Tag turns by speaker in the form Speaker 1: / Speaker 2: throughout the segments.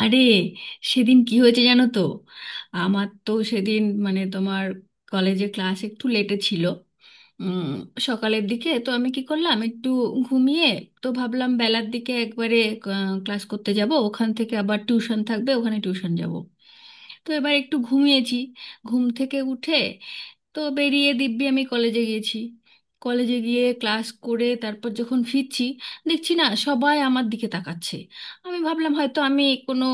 Speaker 1: আরে, সেদিন কি হয়েছে জানো তো। আমার তো সেদিন মানে তোমার কলেজে ক্লাস একটু লেটে ছিল। উম, সকালের দিকে তো আমি কি করলাম, একটু ঘুমিয়ে। তো ভাবলাম বেলার দিকে একবারে ক্লাস করতে যাব, ওখান থেকে আবার টিউশন থাকবে, ওখানে টিউশন যাব। তো এবার একটু ঘুমিয়েছি, ঘুম থেকে উঠে তো বেরিয়ে দিব্যি আমি কলেজে গিয়েছি। কলেজে গিয়ে ক্লাস করে তারপর যখন ফিরছি, দেখছি না সবাই আমার দিকে তাকাচ্ছে। আমি ভাবলাম হয়তো আমি কোনো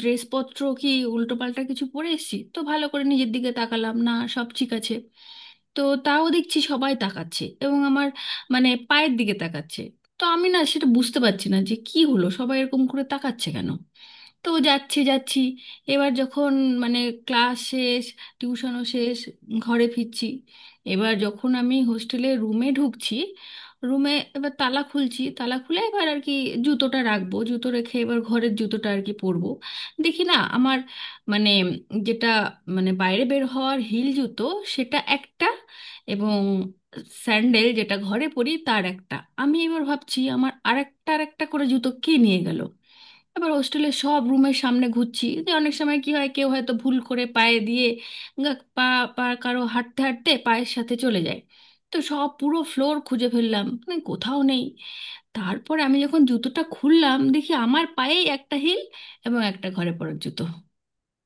Speaker 1: ড্রেসপত্র কি উল্টোপাল্টা কিছু পরে এসেছি, তো ভালো করে নিজের দিকে তাকালাম, না সব ঠিক আছে। তো তাও দেখছি সবাই তাকাচ্ছে, এবং আমার মানে পায়ের দিকে তাকাচ্ছে। তো আমি না সেটা বুঝতে পারছি না যে কি হলো, সবাই এরকম করে তাকাচ্ছে কেন। তো যাচ্ছি যাচ্ছি, এবার যখন মানে ক্লাস শেষ, টিউশনও শেষ, ঘরে ফিরছি। এবার যখন আমি হোস্টেলে রুমে ঢুকছি, রুমে এবার তালা খুলছি, তালা খুলে এবার আর কি জুতোটা রাখবো, জুতো রেখে এবার ঘরের জুতোটা আর কি পরবো। দেখি না আমার মানে যেটা মানে বাইরে বের হওয়ার হিল জুতো, সেটা একটা, এবং স্যান্ডেল যেটা ঘরে পরি তার একটা। আমি এবার ভাবছি আমার আরেকটা আরেকটা করে জুতো কে নিয়ে গেল। আবার হোস্টেলের সব রুমের সামনে ঘুরছি, যে অনেক সময় কি হয়, কেউ হয়তো ভুল করে পায়ে দিয়ে, পা, পা কারো হাঁটতে হাঁটতে পায়ের সাথে চলে যায়। তো সব পুরো ফ্লোর খুঁজে ফেললাম, মানে কোথাও নেই। তারপর আমি যখন জুতোটা খুললাম, দেখি আমার পায়েই একটা হিল এবং একটা ঘরে পড়ার জুতো।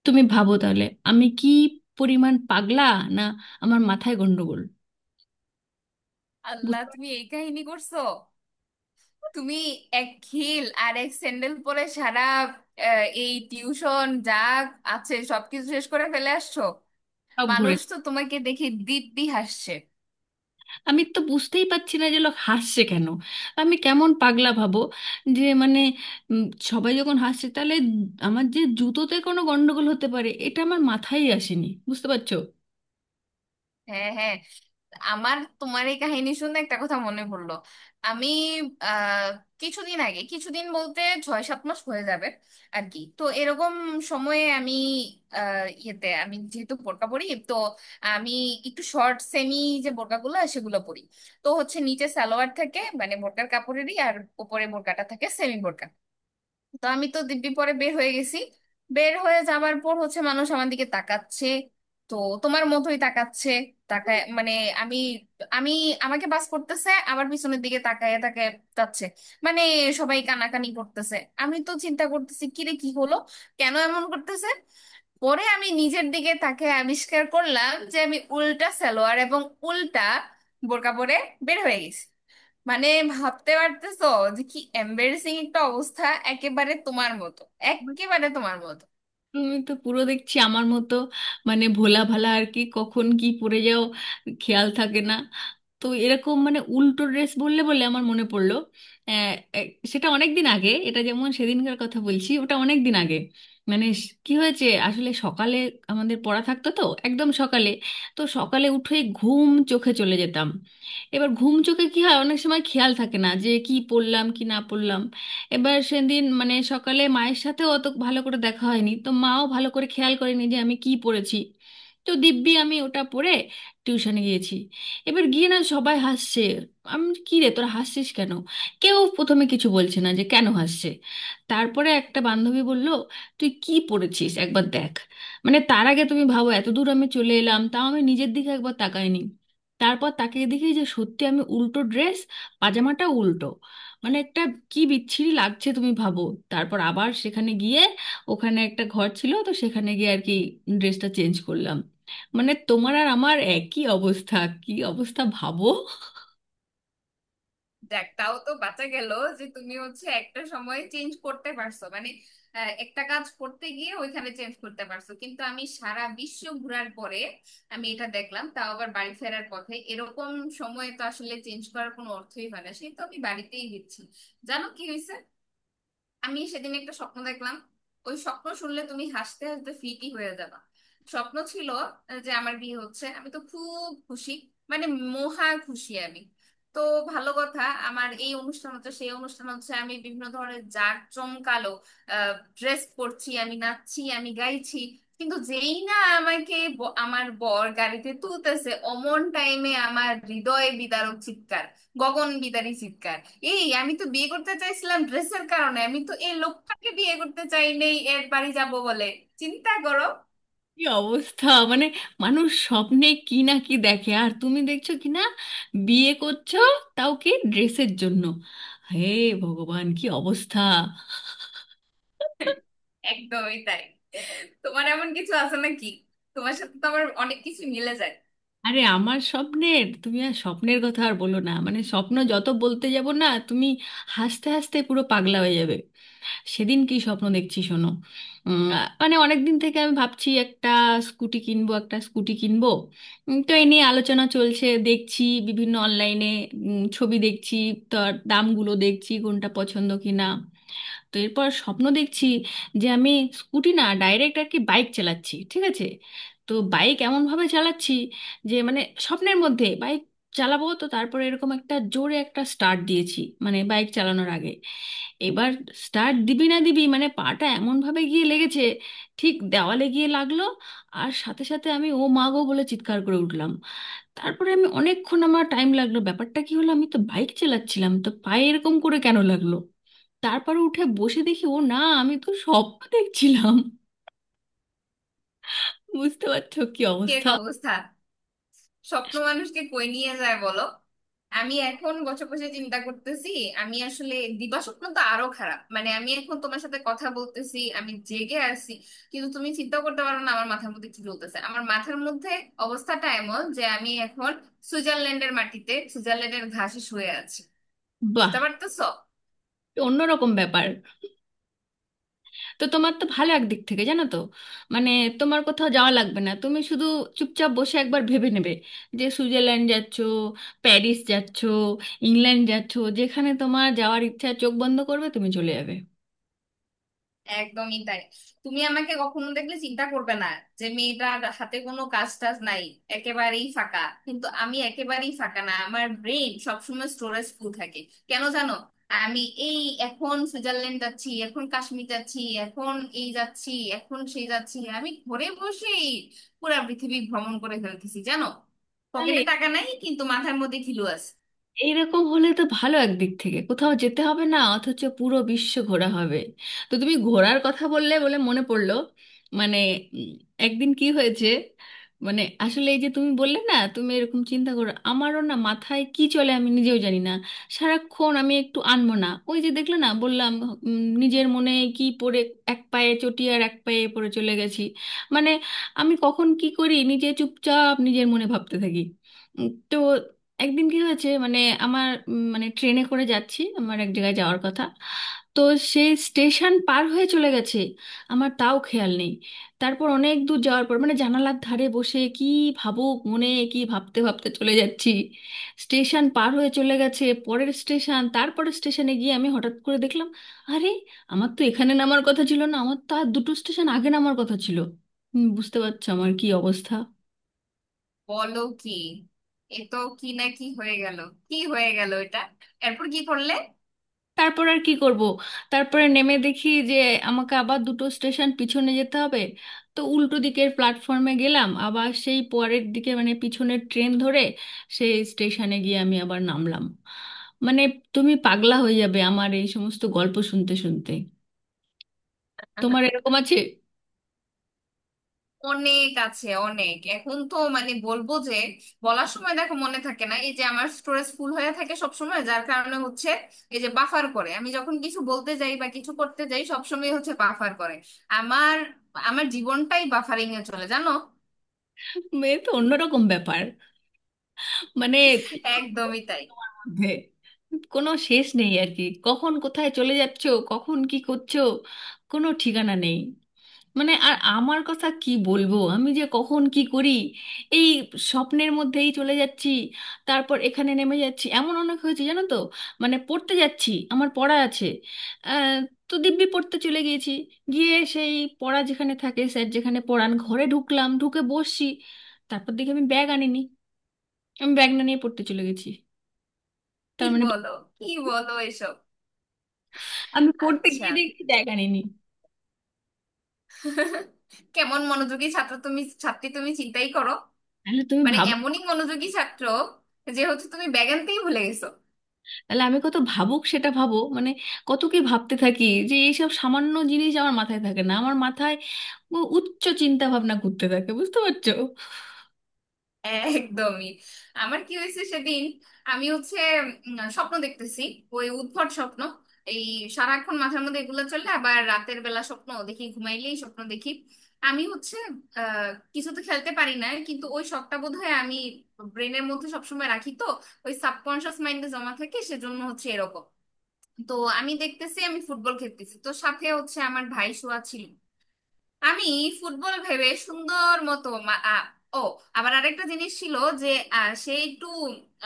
Speaker 1: তুমি ভাবো তাহলে আমি কি পরিমাণ পাগলা, না আমার মাথায় গন্ডগোল।
Speaker 2: আল্লাহ,
Speaker 1: বুঝতে পারছি,
Speaker 2: তুমি এই কাহিনী করছো! তুমি এক হিল আর এক স্যান্ডেল পরে সারা এই টিউশন যা আছে সবকিছু শেষ করে ফেলে আসছো।
Speaker 1: সব ঘুরে।
Speaker 2: মানুষ তো তোমাকে দেখে দিব্যি হাসছে।
Speaker 1: আমি তো বুঝতেই পারছি না যে লোক হাসছে কেন। আমি কেমন পাগলা ভাবো, যে মানে উম, সবাই যখন হাসছে, তাহলে আমার যে জুতোতে কোনো গন্ডগোল হতে পারে, এটা আমার মাথায় আসেনি, বুঝতে পারছো।
Speaker 2: হ্যাঁ, হ্যাঁ, আমার তোমার এই কাহিনী শুনে একটা কথা মনে পড়লো। আমি আহ কিছুদিন আগে, কিছুদিন বলতে ছয় সাত মাস হয়ে যাবে আর কি, তো এরকম সময়ে আমি ইয়েতে, আমি যেহেতু বোরকা পরি তো, আমি একটু শর্ট সেমি যে বোরকাগুলো সেগুলো পরি। তো হচ্ছে নিচে সালোয়ার থাকে, মানে বোরকার কাপড়েরই, আর উপরে বোরকাটা থাকে, সেমি বোরকা। তো আমি তো দিব্যি পরে বের হয়ে গেছি। বের হয়ে যাবার পর হচ্ছে মানুষ আমার দিকে তাকাচ্ছে, তো তোমার মতোই তাকাচ্ছে। তাকায় মানে আমি আমি আমাকে বাস করতেছে, আবার পিছনের দিকে তাকায় তাকায় যাচ্ছে। মানে সবাই কানাকানি করতেছে। আমি তো চিন্তা করতেছি, কিরে কি হলো, কেন এমন করতেছে। পরে আমি নিজের দিকে তাকে আবিষ্কার করলাম যে আমি উল্টা সালোয়ার এবং উল্টা বোরকা পরে বের হয়ে গেছি। মানে ভাবতে পারতেছো যে কি এম্বারেসিং একটা অবস্থা! একেবারে তোমার মতো,
Speaker 1: But
Speaker 2: একেবারে তোমার মতো।
Speaker 1: তুমি তো পুরো দেখছি আমার মতো, মানে ভোলা ভালা আর কি, কখন কি পড়ে যাও খেয়াল থাকে না। তো এরকম মানে উল্টো ড্রেস বললে বলে আমার মনে পড়লো। আহ, সেটা অনেক দিন আগে, এটা যেমন সেদিনকার কথা বলছি, ওটা অনেক দিন আগে। মানে কি হয়েছে আসলে, সকালে আমাদের পড়া থাকতো তো, একদম সকালে। তো সকালে উঠে ঘুম চোখে চলে যেতাম। এবার ঘুম চোখে কি হয়, অনেক সময় খেয়াল থাকে না যে কি পড়লাম কি না পড়লাম। এবার সেদিন মানে সকালে মায়ের সাথেও অত ভালো করে দেখা হয়নি, তো মাও ভালো করে খেয়াল করেনি যে আমি কি পড়েছি। তো দিব্যি আমি ওটা পড়ে টিউশনে গিয়েছি। এবার গিয়ে না সবাই হাসছে। আমি বলছি, কি রে তোরা হাসছিস কেন। কেউ প্রথমে কিছু বলছে না যে কেন হাসছে। তারপরে একটা বান্ধবী বলল, তুই কি পড়েছিস একবার দেখ। মানে তার আগে তুমি ভাবো, এত দূর আমি চলে এলাম, তাও আমি নিজের দিকে একবার তাকাইনি। তারপর তাকে দেখি যে সত্যি আমি উল্টো ড্রেস, পাজামাটা উল্টো, মানে একটা কি বিচ্ছিরি লাগছে তুমি ভাবো। তারপর আবার সেখানে গিয়ে, ওখানে একটা ঘর ছিল তো সেখানে গিয়ে আর কি ড্রেসটা চেঞ্জ করলাম। মানে তোমার আর আমার একই অবস্থা। কি অবস্থা ভাবো।
Speaker 2: দেখ তাও তো বাঁচা গেল যে তুমি হচ্ছে একটা সময় চেঞ্জ করতে পারছো, মানে একটা কাজ করতে গিয়ে ওইখানে চেঞ্জ করতে পারছো, কিন্তু আমি সারা বিশ্ব ঘুরার পরে আমি এটা দেখলাম, তাও আবার বাড়ি ফেরার পথে। এরকম সময় তো আসলে চেঞ্জ করার কোনো অর্থই হয় না, সেই তো আমি বাড়িতেই দিচ্ছি। জানো কি হয়েছে, আমি সেদিন একটা স্বপ্ন দেখলাম। ওই স্বপ্ন শুনলে তুমি হাসতে হাসতে ফিটি হয়ে যাবে। স্বপ্ন ছিল যে আমার বিয়ে হচ্ছে, আমি তো খুব খুশি, মানে মহা খুশি আমি। তো ভালো কথা, আমার এই অনুষ্ঠান হচ্ছে, সেই অনুষ্ঠান হচ্ছে, আমি বিভিন্ন ধরনের জাঁক জমকালো ড্রেস পরছি, আমি নাচছি, আমি গাইছি। কিন্তু যেই না আমাকে আমার বর গাড়িতে তুলতেছে, অমন টাইমে আমার হৃদয় বিদারক চিৎকার, গগন বিদারী চিৎকার। এই আমি তো বিয়ে করতে চাইছিলাম ড্রেসের কারণে, আমি তো এই লোকটাকে বিয়ে করতে চাই নেই এর বাড়ি যাব বলে। চিন্তা করো!
Speaker 1: কি অবস্থা, মানে মানুষ স্বপ্নে কি না কি দেখে, আর তুমি দেখছো কি না বিয়ে করছো, তাও কি ড্রেসের জন্য। হে ভগবান, কি অবস্থা।
Speaker 2: একদমই তাই। তোমার এমন কিছু আছে নাকি? তোমার সাথে তো আমার অনেক কিছু মিলে যায়।
Speaker 1: আরে আমার স্বপ্নের, তুমি আর স্বপ্নের কথা আর বলো না, মানে স্বপ্ন যত বলতে যাব না, তুমি হাসতে হাসতে পুরো পাগলা হয়ে যাবে। সেদিন কি স্বপ্ন দেখছি শোনো। উম, মানে অনেক দিন থেকে আমি ভাবছি একটা স্কুটি কিনবো। তো এ নিয়ে আলোচনা চলছে, দেখছি বিভিন্ন অনলাইনে ছবি দেখছি, তার দামগুলো দেখছি কোনটা পছন্দ কিনা। তো এরপর স্বপ্ন দেখছি যে আমি স্কুটি না, ডাইরেক্ট আর কি বাইক চালাচ্ছি, ঠিক আছে। তো বাইক এমনভাবে চালাচ্ছি যে মানে স্বপ্নের মধ্যে বাইক চালাবো, তো তারপরে এরকম একটা জোরে একটা স্টার্ট দিয়েছি মানে বাইক চালানোর আগে। এবার স্টার্ট দিবি না দিবি, মানে পাটা এমনভাবে গিয়ে লেগেছে, ঠিক দেওয়ালে গিয়ে লাগলো। আর সাথে সাথে আমি ও মা গো বলে চিৎকার করে উঠলাম। তারপরে আমি অনেকক্ষণ, আমার টাইম লাগলো ব্যাপারটা কি হলো, আমি তো বাইক চালাচ্ছিলাম, তো পায়ে এরকম করে কেন লাগলো। তারপর উঠে বসে দেখি ও না, আমি তো স্বপ্ন দেখছিলাম। বুঝতে পারছো কি
Speaker 2: কি এক
Speaker 1: অবস্থা।
Speaker 2: অবস্থা! স্বপ্ন মানুষকে কই নিয়ে যায় বলো। আমি এখন বছর বসে চিন্তা করতেছি, আমি আসলে দিবা স্বপ্ন তো আরো খারাপ। মানে আমি এখন তোমার সাথে কথা বলতেছি, আমি জেগে আছি, কিন্তু তুমি চিন্তা করতে পারো না আমার মাথার মধ্যে কি চলতেছে। আমার মাথার মধ্যে অবস্থাটা এমন যে আমি এখন সুইজারল্যান্ডের মাটিতে, সুইজারল্যান্ডের ঘাসে শুয়ে আছি।
Speaker 1: বাহ,
Speaker 2: বুঝতে পারতেছো?
Speaker 1: অন্যরকম ব্যাপার। তো তোমার তো ভালো একদিক থেকে জানো তো, মানে তোমার কোথাও যাওয়া লাগবে না, তুমি শুধু চুপচাপ বসে একবার ভেবে নেবে যে সুইজারল্যান্ড যাচ্ছো, প্যারিস যাচ্ছো, ইংল্যান্ড যাচ্ছো, যেখানে তোমার যাওয়ার ইচ্ছা চোখ বন্ধ করবে তুমি চলে যাবে।
Speaker 2: একদমই তাই। তুমি আমাকে কখনো দেখলে চিন্তা করবে না যে মেয়েটার হাতে কোনো কাজ টাজ নাই, একেবারেই ফাঁকা। কিন্তু আমি একেবারেই ফাঁকা না, আমার ব্রেন সবসময় স্টোরেজ ফুল থাকে। কেন জানো? আমি এই এখন সুইজারল্যান্ড যাচ্ছি, এখন কাশ্মীর যাচ্ছি, এখন এই যাচ্ছি, এখন সেই যাচ্ছি। আমি ঘরে বসেই পুরা পৃথিবী ভ্রমণ করে ফেলতেছি জানো।
Speaker 1: তাহলে
Speaker 2: পকেটে টাকা নাই, কিন্তু মাথার মধ্যে খিলু আছে।
Speaker 1: এইরকম হলে তো ভালো, একদিক থেকে কোথাও যেতে হবে না, অথচ পুরো বিশ্ব ঘোরা হবে। তো তুমি ঘোরার কথা বললে বলে মনে পড়লো। মানে উম, একদিন কি হয়েছে, মানে আসলে এই যে তুমি বললে না তুমি এরকম চিন্তা করো, আমারও না মাথায় কি চলে আমি নিজেও জানি না। সারাক্ষণ আমি একটু আনমনা, ওই যে দেখলে না বললাম নিজের মনে কি পড়ে, এক পায়ে চটি আর এক পায়ে পড়ে চলে গেছি। মানে আমি কখন কি করি নিজে চুপচাপ নিজের মনে ভাবতে থাকি। তো একদিন কি হয়েছে মানে, আমার মানে ট্রেনে করে যাচ্ছি, আমার এক জায়গায় যাওয়ার কথা। তো সেই স্টেশন পার হয়ে চলে গেছে, আমার তাও খেয়াল নেই। তারপর অনেক দূর যাওয়ার পর মানে জানালার ধারে বসে কি ভাবুক মনে কি ভাবতে ভাবতে চলে যাচ্ছি, স্টেশন পার হয়ে চলে গেছে পরের স্টেশন, তারপরের স্টেশনে গিয়ে আমি হঠাৎ করে দেখলাম, আরে আমার তো এখানে নামার কথা ছিল না, আমার তো আর দুটো স্টেশন আগে নামার কথা ছিল। বুঝতে পারছো আমার কি অবস্থা।
Speaker 2: বলো কি! এ তো কি না কি হয়ে গেল! কি হয়ে গেল এটা! এরপর কি করলে?
Speaker 1: তারপর আর কি করব, তারপরে নেমে দেখি যে আমাকে আবার দুটো স্টেশন পিছনে যেতে হবে। তো উল্টো দিকের প্ল্যাটফর্মে গেলাম, আবার সেই পরের দিকে মানে পিছনের ট্রেন ধরে সেই স্টেশনে গিয়ে আমি আবার নামলাম। মানে তুমি পাগলা হয়ে যাবে আমার এই সমস্ত গল্প শুনতে শুনতে। তোমার এরকম আছে?
Speaker 2: অনেক আছে, অনেক। এখন তো মানে বলবো, যে বলার সময় দেখো মনে থাকে না। এই যে আমার স্টোরেজ ফুল হয়ে থাকে সব সময়, যার কারণে হচ্ছে এই যে বাফার করে, আমি যখন কিছু বলতে যাই বা কিছু করতে যাই সব সময় হচ্ছে বাফার করে। আমার আমার জীবনটাই বাফারিং এ চলে জানো।
Speaker 1: এ তো অন্যরকম ব্যাপার। মানে
Speaker 2: একদমই তাই।
Speaker 1: তোমার মধ্যে কোনো শেষ নেই আর কি, কখন কোথায় চলে যাচ্ছো, কখন কি করছো, কোনো ঠিকানা নেই। মানে আর আমার কথা কি বলবো, আমি যে কখন কি করি, এই স্বপ্নের মধ্যেই চলে যাচ্ছি, তারপর এখানে নেমে যাচ্ছি, এমন অনেক হয়েছে জানো তো। মানে পড়তে যাচ্ছি, আমার পড়া আছে, আহ, তো দিব্যি পড়তে চলে গিয়েছি। গিয়ে সেই পড়া যেখানে থাকে, স্যার যেখানে পড়ান ঘরে ঢুকলাম, ঢুকে বসছি, তারপর দেখি আমি ব্যাগ আনিনি। আমি ব্যাগ না নিয়ে পড়তে চলে গেছি,
Speaker 2: কি
Speaker 1: তার মানে।
Speaker 2: বলো, কি বলো এসব!
Speaker 1: আমি পড়তে
Speaker 2: আচ্ছা,
Speaker 1: গিয়ে দেখছি ব্যাগ আনিনি।
Speaker 2: কেমন মনোযোগী ছাত্র তুমি, ছাত্রী তুমি, চিন্তাই করো।
Speaker 1: তাহলে তুমি
Speaker 2: মানে
Speaker 1: ভাবো,
Speaker 2: এমনই মনোযোগী ছাত্র যে হচ্ছে তুমি ব্যাগ আনতেই ভুলে গেছো।
Speaker 1: তাহলে আমি কত ভাবুক সেটা ভাবো, মানে কত কি ভাবতে থাকি যে এইসব সামান্য জিনিস আমার মাথায় থাকে না। আমার মাথায় উচ্চ চিন্তা ভাবনা ঘুরতে থাকে, বুঝতে পারছো।
Speaker 2: একদমই। আমার কি হয়েছে সেদিন, আমি হচ্ছে স্বপ্ন দেখতেছি, ওই উদ্ভট স্বপ্ন। এই সারাক্ষণ মাথার মধ্যে এগুলো চলে, আবার রাতের বেলা স্বপ্ন দেখি, ঘুমাইলেই স্বপ্ন দেখি। আমি হচ্ছে আহ কিছু তো খেলতে পারি না, কিন্তু ওই শখটা বোধহয় আমি ব্রেনের মধ্যে সবসময় রাখি তো, ওই সাবকনশিয়াস মাইন্ডে জমা থাকে, সেজন্য হচ্ছে এরকম। তো আমি দেখতেছি আমি ফুটবল খেলতেছি, তো সাথে হচ্ছে আমার ভাই শোয়া ছিল। আমি ফুটবল ভেবে সুন্দর মতো ও, আবার আরেকটা জিনিস ছিল যে সে একটু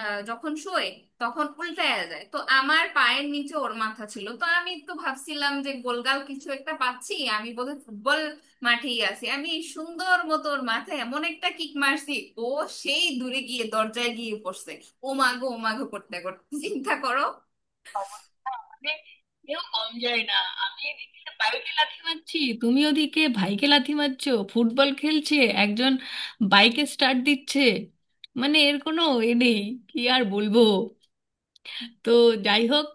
Speaker 2: আ, যখন শোয় তখন উল্টায়া যায়, তো আমার পায়ের নিচে ওর মাথা ছিল, তো আমি তো ভাবছিলাম যে গোলগাল কিছু একটা পাচ্ছি, আমি বোধহয় ফুটবল মাঠেই আছি। আমি সুন্দর মতো ওর মাথায় এমন একটা কিক মারছি, ও সেই দূরে গিয়ে দরজায় গিয়ে পড়ছে, ও মাগো ও মাগো করতে করতে। চিন্তা করো!
Speaker 1: অবস্থা আমাদের, কেউ কম যায় না। আমি এদিকে বাইকে লাথি মারছি, তুমি ওদিকে ভাইকে লাথি মারছো ফুটবল খেলছে, একজন বাইকে স্টার্ট দিচ্ছে। মানে এর কোনো এ নেই, কি আর বলবো। তো যাই হোক,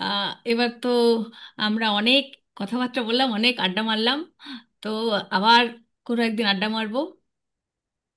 Speaker 1: আহ, এবার তো আমরা অনেক কথাবার্তা বললাম, অনেক আড্ডা মারলাম। তো আবার কোনো একদিন আড্ডা মারবো।